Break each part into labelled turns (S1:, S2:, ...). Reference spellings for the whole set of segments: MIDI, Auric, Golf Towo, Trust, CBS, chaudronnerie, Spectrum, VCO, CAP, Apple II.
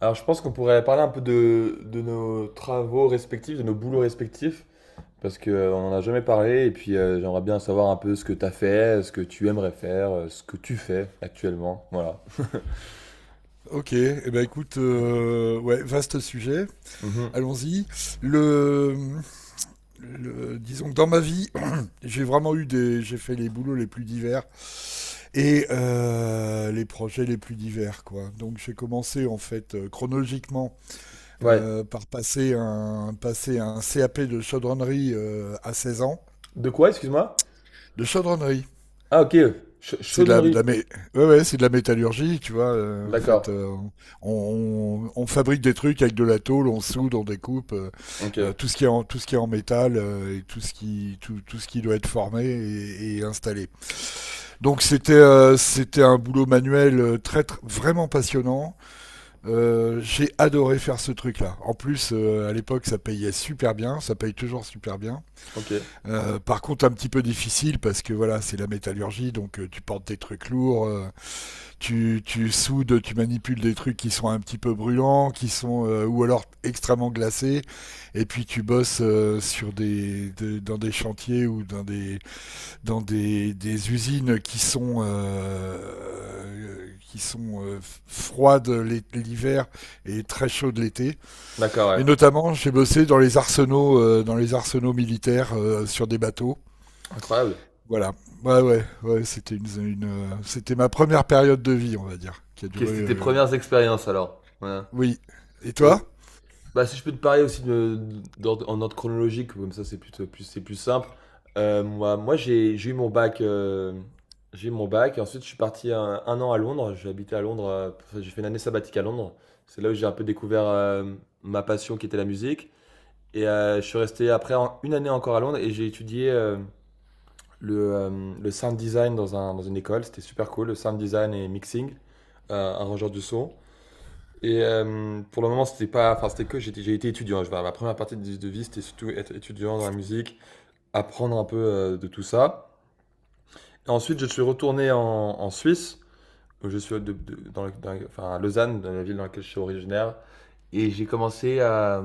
S1: Alors, je pense qu'on pourrait parler un peu de nos travaux respectifs, de nos boulots respectifs, parce qu'on n'en a jamais parlé, et puis j'aimerais bien savoir un peu ce que tu as fait, ce que tu aimerais faire, ce que tu fais actuellement. Voilà.
S2: Ok, eh ben écoute, ouais, vaste sujet.
S1: Mhm.
S2: Allons-y. Le, Disons que dans ma vie, j'ai vraiment eu des, j'ai fait les boulots les plus divers et les projets les plus divers, quoi. Donc j'ai commencé en fait, chronologiquement,
S1: Ouais.
S2: par passer un CAP de chaudronnerie, à 16 ans,
S1: De quoi, excuse-moi?
S2: de chaudronnerie.
S1: Ah, ok.
S2: C'est de
S1: Chaudonnerie.
S2: la mé- Ouais, ouais, c'est de la métallurgie, tu vois. En
S1: D'accord.
S2: fait, on fabrique des trucs avec de la tôle, on soude, on découpe,
S1: Ok.
S2: tout ce qui est en métal, tout ce qui doit être formé et installé. Donc c'était un boulot manuel, vraiment passionnant. J'ai adoré faire ce truc-là. En plus, à l'époque, ça payait super bien, ça paye toujours super bien.
S1: Ok.
S2: Par contre, un petit peu difficile parce que voilà, c'est la métallurgie, donc, tu portes des trucs lourds. Tu soudes, tu manipules des trucs qui sont un petit peu brûlants, qui sont, ou alors extrêmement glacés, et puis tu bosses, dans des chantiers ou des usines qui sont, froides l'hiver et très chaudes l'été.
S1: D'accord, ouais.
S2: Et notamment, j'ai bossé dans les arsenaux militaires, sur des bateaux.
S1: Incroyable.
S2: Voilà. Ouais, ouais, ouais, c'était ma première période de vie, on va dire, qui a
S1: Ok,
S2: duré.
S1: c'était tes premières expériences alors. Ouais.
S2: Oui. Et
S1: Ouais.
S2: toi?
S1: Bah, si je peux te parler aussi de, en ordre chronologique, comme ça c'est c'est plus simple. Moi, j'ai eu mon bac, j'ai eu mon bac et ensuite je suis parti un an à Londres. J'ai habité à Londres, enfin, j'ai fait une année sabbatique à Londres. C'est là où j'ai un peu découvert ma passion qui était la musique. Et je suis resté après une année encore à Londres et j'ai étudié le sound design dans une école. C'était super cool, le sound design et mixing, arrangeur du son. Et pour le moment, c'était pas, enfin, c'était que j'ai été étudiant. Ma première partie de vie, c'était surtout être étudiant dans la musique, apprendre un peu de tout ça. Et ensuite, je suis retourné en Suisse, où je suis de- dans, le- dans- enfin, à Lausanne, dans la ville dans laquelle je suis originaire. Et j'ai commencé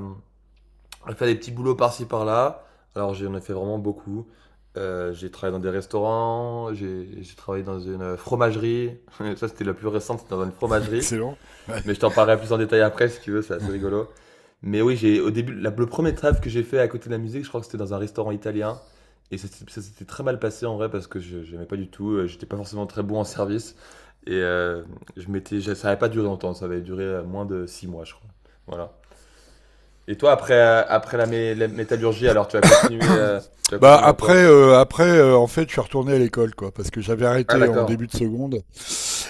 S1: à faire des petits boulots par-ci par-là. Alors, j'en ai fait vraiment beaucoup. J'ai travaillé dans des restaurants, j'ai travaillé dans une fromagerie. Ça, c'était la plus récente, c'était dans une fromagerie.
S2: Excellent. Ouais.
S1: Mais je t'en parlerai plus en détail après si tu veux, c'est assez rigolo. Mais oui, j'ai au début, la- le premier trêve que j'ai fait à côté de la musique, je crois que c'était dans un restaurant italien. Et ça s'était très mal passé en vrai parce que je n'aimais pas du tout, j'étais pas forcément très bon en service. Et ça n'avait pas duré longtemps, ça avait duré moins de 6 mois, je crois. Voilà. Et toi, après, après la métallurgie, alors tu as
S2: Bah
S1: continué dans
S2: après,
S1: quoi?
S2: après en fait, je suis retourné à l'école, quoi, parce que j'avais
S1: Ah,
S2: arrêté en
S1: d'accord.
S2: début de seconde.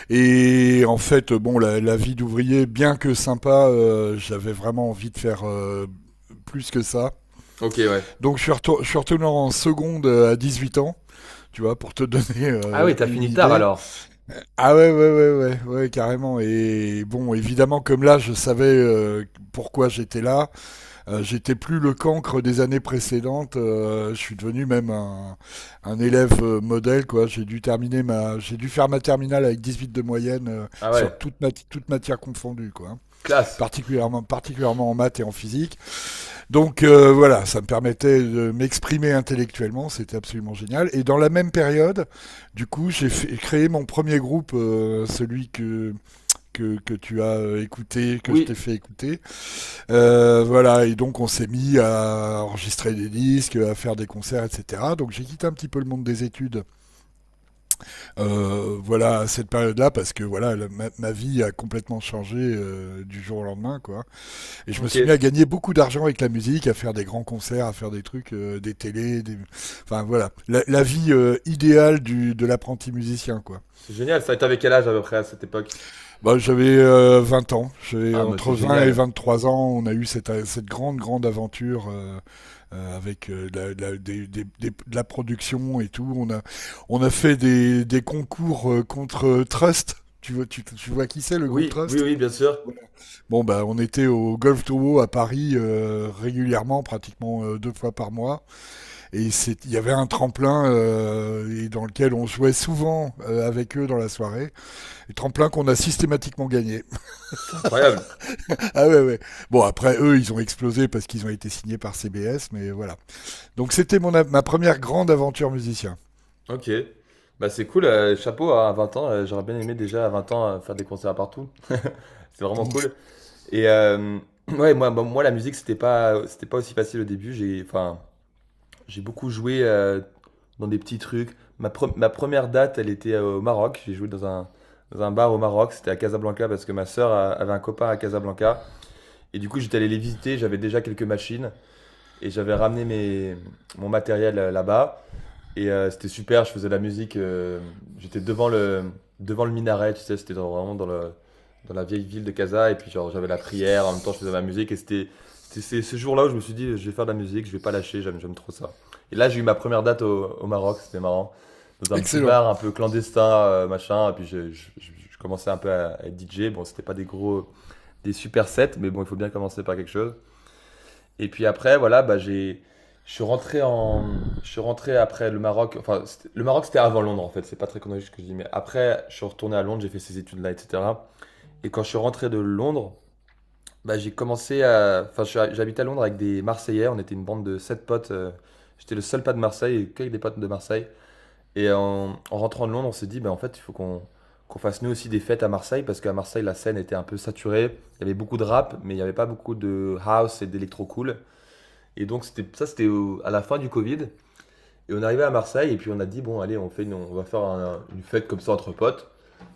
S2: Et en fait, bon, la vie d'ouvrier, bien que sympa, j'avais vraiment envie de faire, plus que ça.
S1: Ok, ouais.
S2: Donc je suis retourné en seconde, à 18 ans, tu vois, pour te donner,
S1: Ah oui, t'as
S2: une
S1: fini tard
S2: idée.
S1: alors.
S2: Ah ouais, ouais, ouais, ouais, ouais, carrément. Et bon, évidemment, comme là, je savais, pourquoi j'étais là. J'étais plus le cancre des années précédentes. Je suis devenu même un élève, modèle, quoi. J'ai dû faire ma terminale avec 18 de moyenne,
S1: Ah
S2: sur
S1: ouais,
S2: toute matière confondue, quoi, hein.
S1: classe.
S2: Particulièrement en maths et en physique. Donc, voilà, ça me permettait de m'exprimer intellectuellement. C'était absolument génial. Et dans la même période, du coup, j'ai créé mon premier groupe, celui que tu as, écouté, que je
S1: Oui,
S2: t'ai fait écouter. Voilà, et donc on s'est mis à enregistrer des disques, à faire des concerts, etc. Donc j'ai quitté un petit peu le monde des études, voilà, à cette période-là, parce que voilà, ma vie a complètement changé, du jour au lendemain, quoi. Et je me
S1: ok.
S2: suis mis à gagner beaucoup d'argent avec la musique, à faire des grands concerts, à faire des trucs, des télés, enfin voilà, la vie, idéale de l'apprenti musicien, quoi.
S1: C'est génial, ça. Et t'avais quel âge à peu près à cette époque?
S2: Bah, j'avais, 20 ans. J'ai
S1: Ah, mais c'est
S2: entre 20 et
S1: génial.
S2: 23 ans, on a eu cette grande grande aventure, avec, de la- des- de la production et tout. On a fait des concours, contre, Trust. Tu vois qui c'est le groupe
S1: Oui, oui,
S2: Trust?
S1: oui, bien sûr.
S2: Voilà. Bon bah on était au Golf Towo à Paris, régulièrement, pratiquement, deux fois par mois. Et il y avait un tremplin, et dans lequel on jouait souvent, avec eux dans la soirée. Et tremplin qu'on a systématiquement gagné.
S1: C'est incroyable.
S2: Ah ouais, ouais. Bon, après, eux, ils ont explosé parce qu'ils ont été signés par CBS, mais voilà. Donc, c'était ma première grande aventure musicien.
S1: Ok. Bah c'est cool, chapeau à 20 ans. J'aurais bien aimé déjà à 20 ans faire des concerts partout. C'est vraiment
S2: Mmh.
S1: cool. Et ouais, la musique, c'était pas aussi facile au début. J'ai beaucoup joué dans des petits trucs. Ma première date, elle était au Maroc. J'ai joué dans un bar au Maroc. C'était à Casablanca parce que ma sœur avait un copain à Casablanca. Et du coup, j'étais allé les visiter. J'avais déjà quelques machines. Et j'avais ramené mon matériel là-bas. Et c'était super, je faisais de la musique. J'étais devant le minaret, tu sais, vraiment dans la vieille ville de Casa. Et puis, genre, j'avais la prière, en même temps, je faisais ma musique. C'était ce jour-là où je me suis dit, je vais faire de la musique, je vais pas lâcher, j'aime trop ça. Et là, j'ai eu ma première date au Maroc, c'était marrant. Dans un petit
S2: Excellent.
S1: bar un peu clandestin, machin. Et puis, je commençais un peu à être DJ. Bon, c'était pas des gros, des super sets, mais bon, il faut bien commencer par quelque chose. Et puis après, voilà, je suis rentré après le Maroc. Enfin, le Maroc, c'était avant Londres, en fait. C'est pas très chronologique ce que je dis, mais après, je suis retourné à Londres, j'ai fait ces études-là, etc. Et quand je suis rentré de Londres, bah, j'ai commencé à, enfin, je suis à- j'habitais à Londres avec des Marseillais. On était une bande de 7 potes. J'étais le seul pas de Marseille et que des potes de Marseille. Et en rentrant de Londres, on s'est dit, bah, en fait, il faut qu'on qu'on fasse nous aussi des fêtes à Marseille parce qu'à Marseille, la scène était un peu saturée. Il y avait beaucoup de rap, mais il n'y avait pas beaucoup de house et d'électro cool. Et donc c'était ça, à la fin du Covid. Et on arrivait à Marseille et puis on a dit bon allez, on fait une- on va faire un- une fête comme ça entre potes.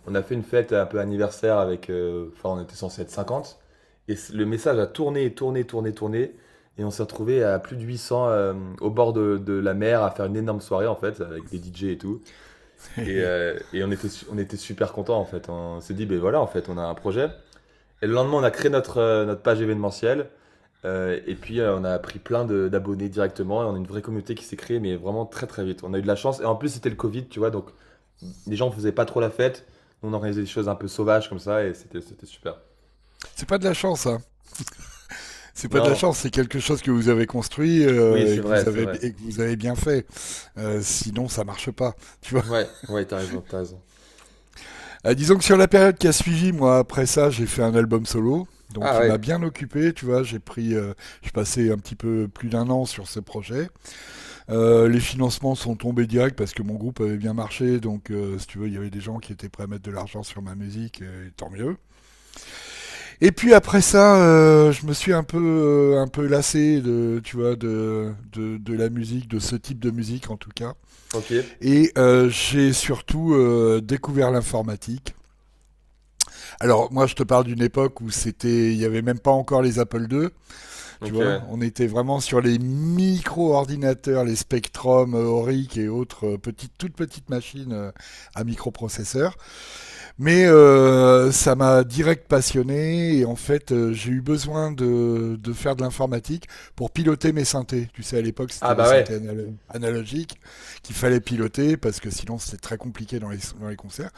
S1: On a fait une fête un peu anniversaire avec, on était censé être 50. Et le message a tourné, tourné, tourné, tourné. Et on s'est retrouvé à plus de 800 au bord de la mer à faire une énorme soirée en fait avec des DJ et tout. Et, euh, et on était on était super contents en fait. On s'est dit ben voilà en fait on a un projet. Et le lendemain on a créé notre notre page événementielle. Et puis, on a pris plein de d'abonnés directement et on a une vraie communauté qui s'est créée, mais vraiment très, très vite. On a eu de la chance et en plus, c'était le covid, tu vois? Donc, mmh, les gens faisaient pas trop la fête. Nous, on organisait des choses un peu sauvages comme ça et c'était super.
S2: C'est pas de la chance, hein. C'est pas de la
S1: Non,
S2: chance, c'est quelque chose que vous avez construit,
S1: oui, c'est
S2: et que
S1: vrai,
S2: vous
S1: c'est
S2: avez
S1: vrai.
S2: et que vous avez bien fait. Sinon, ça marche pas. Tu vois.
S1: Ouais, ouais, t'as raison, t'as raison.
S2: Ah, disons que sur la période qui a suivi, moi, après ça, j'ai fait un album solo. Donc,
S1: Ah
S2: qui m'a
S1: ouais,
S2: bien occupé, tu vois. J'ai passé un petit peu plus d'un an sur ce projet. Les financements sont tombés direct parce que mon groupe avait bien marché, donc, si tu veux, il y avait des gens qui étaient prêts à mettre de l'argent sur ma musique, et tant mieux. Et puis après ça, je me suis un peu lassé de, tu vois, de la musique, de ce type de musique en tout cas.
S1: OK.
S2: Et, j'ai surtout, découvert l'informatique. Alors moi, je te parle d'une époque où il n'y avait même pas encore les Apple II. Tu
S1: OK,
S2: vois,
S1: ouais.
S2: on était vraiment sur les micro-ordinateurs, les Spectrum, Auric et autres, petites, toutes petites machines, à microprocesseurs. Mais, ça m'a direct passionné et en fait, j'ai eu besoin de faire de l'informatique pour piloter mes synthés. Tu sais, à l'époque, c'était
S1: Ah
S2: les
S1: bah
S2: synthés
S1: ouais,
S2: analogiques qu'il fallait piloter parce que sinon, c'était très compliqué dans les concerts.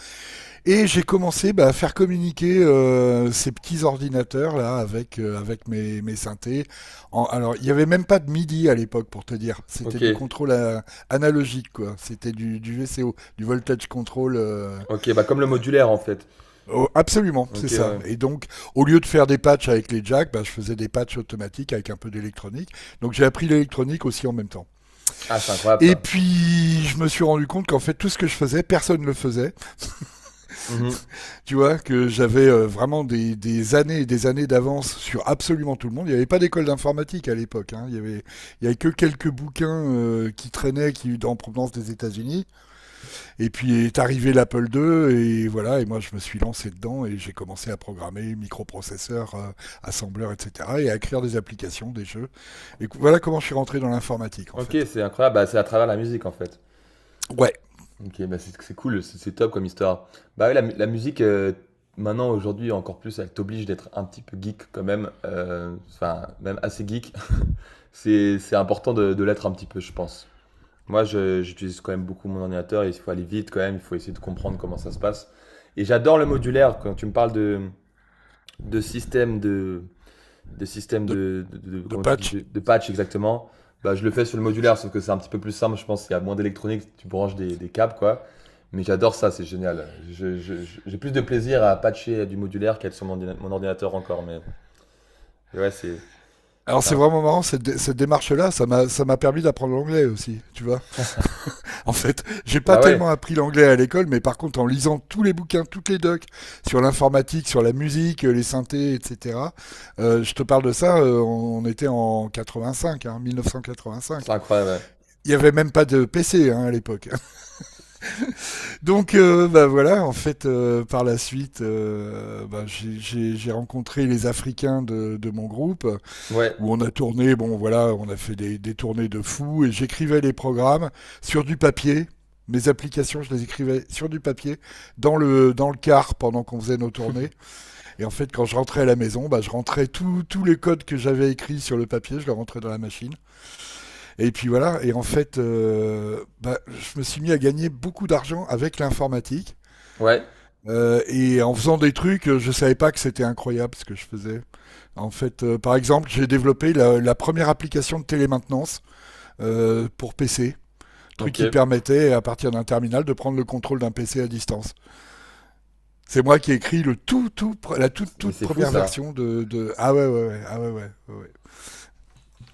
S2: Et j'ai commencé, bah, à faire communiquer, ces petits ordinateurs là avec mes synthés. Alors il n'y avait même pas de MIDI à l'époque pour te dire. C'était du
S1: OK.
S2: contrôle, analogique quoi. C'était du VCO, du voltage control.
S1: OK, bah comme le
S2: Euh,
S1: modulaire, en fait.
S2: oh, absolument, c'est
S1: OK,
S2: ça.
S1: ouais.
S2: Et donc au lieu de faire des patchs avec les jacks, bah, je faisais des patchs automatiques avec un peu d'électronique. Donc j'ai appris l'électronique aussi en même temps.
S1: Ah, c'est incroyable
S2: Et
S1: ça.
S2: puis je me suis rendu compte qu'en fait tout ce que je faisais, personne ne le faisait.
S1: Mmh.
S2: Tu vois, que j'avais, vraiment des années et des années d'avance sur absolument tout le monde. Il n'y avait pas d'école d'informatique à l'époque, hein. Il y avait que quelques bouquins, qui traînaient, qui en provenance des États-Unis. Et puis est arrivé l'Apple II et voilà. Et moi, je me suis lancé dedans et j'ai commencé à programmer microprocesseurs, assembleurs, etc. Et à écrire des applications, des jeux. Voilà comment je suis rentré dans l'informatique en
S1: OK,
S2: fait.
S1: c'est incroyable, bah, c'est à travers la musique, en fait.
S2: Ouais,
S1: OK, bah, c'est cool, c'est top comme histoire. Bah, ouais, la musique, maintenant, aujourd'hui, encore plus, elle t'oblige d'être un petit peu geek quand même, enfin, même assez geek. C'est important de l'être un petit peu, je pense. Moi, je j'utilise quand même beaucoup mon ordinateur et il faut aller vite quand même, il faut essayer de comprendre comment ça se passe et j'adore le modulaire. Quand tu me parles de système de des systèmes
S2: de,
S1: de-
S2: de
S1: comment tu dis,
S2: patch.
S1: de patch exactement, bah, je le fais sur le modulaire, sauf que c'est un petit peu plus simple, je pense qu'il y a moins d'électronique, tu branches des câbles, quoi. Mais j'adore ça, c'est génial. J'ai plus de plaisir à patcher du modulaire qu'à être sur mon ordinateur encore, mais ouais,
S2: Alors
S1: c'est
S2: c'est
S1: un-
S2: vraiment marrant cette démarche-là. Ça m'a permis d'apprendre l'anglais aussi, tu vois. En fait, j'ai pas
S1: bah ouais,
S2: tellement appris l'anglais à l'école, mais par contre, en lisant tous les bouquins, toutes les docs sur l'informatique, sur la musique, les synthés, etc. Je te parle de ça, on était en 85, hein, 1985.
S1: c'est incroyable.
S2: Il y avait même pas de PC, hein, à l'époque. Donc, bah voilà, en fait, par la suite, bah, j'ai rencontré les Africains de mon groupe
S1: Ouais, ouais,
S2: où on a tourné, bon voilà, on a fait des tournées de fous, et j'écrivais les programmes sur du papier. Mes applications, je les écrivais sur du papier, dans le car pendant qu'on faisait nos tournées. Et en fait, quand je rentrais à la maison, bah, je rentrais tous les codes que j'avais écrits sur le papier, je les rentrais dans la machine. Et puis voilà, et en fait, bah, je me suis mis à gagner beaucoup d'argent avec l'informatique.
S1: ouais,
S2: Et en faisant des trucs, je savais pas que c'était incroyable ce que je faisais. En fait, par exemple, j'ai développé la première application de télémaintenance, pour PC, truc
S1: OK.
S2: qui permettait à partir d'un terminal de prendre le contrôle d'un PC à distance. C'est moi qui ai écrit la toute,
S1: Mais
S2: toute
S1: c'est fou
S2: première
S1: ça.
S2: version. Ah ouais, ouais, ouais, ah ouais, ouais, ouais, ouais.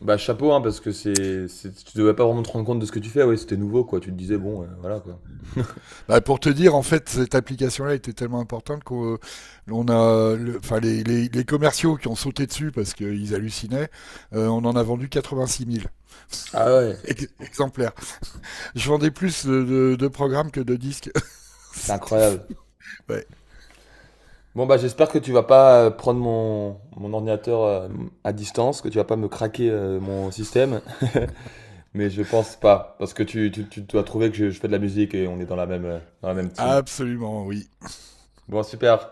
S1: Bah chapeau, hein, parce que tu devais pas vraiment te rendre compte de ce que tu fais, ouais, c'était nouveau, quoi. Tu te disais, bon, voilà, quoi.
S2: Bah, pour te dire, en fait, cette application-là était tellement importante enfin, les commerciaux qui ont sauté dessus parce qu'ils hallucinaient. On en a vendu 86 000
S1: Ah ouais,
S2: exemplaires. Je vendais plus de programmes que de disques.
S1: c'est
S2: C'était fou.
S1: incroyable.
S2: Ouais,
S1: Bon bah j'espère que tu vas pas prendre mon ordinateur à distance, que tu vas pas me craquer mon système, mais je pense pas, parce que tu dois trouver que je fais de la musique et on est dans la même team.
S2: absolument, oui.
S1: Bon super,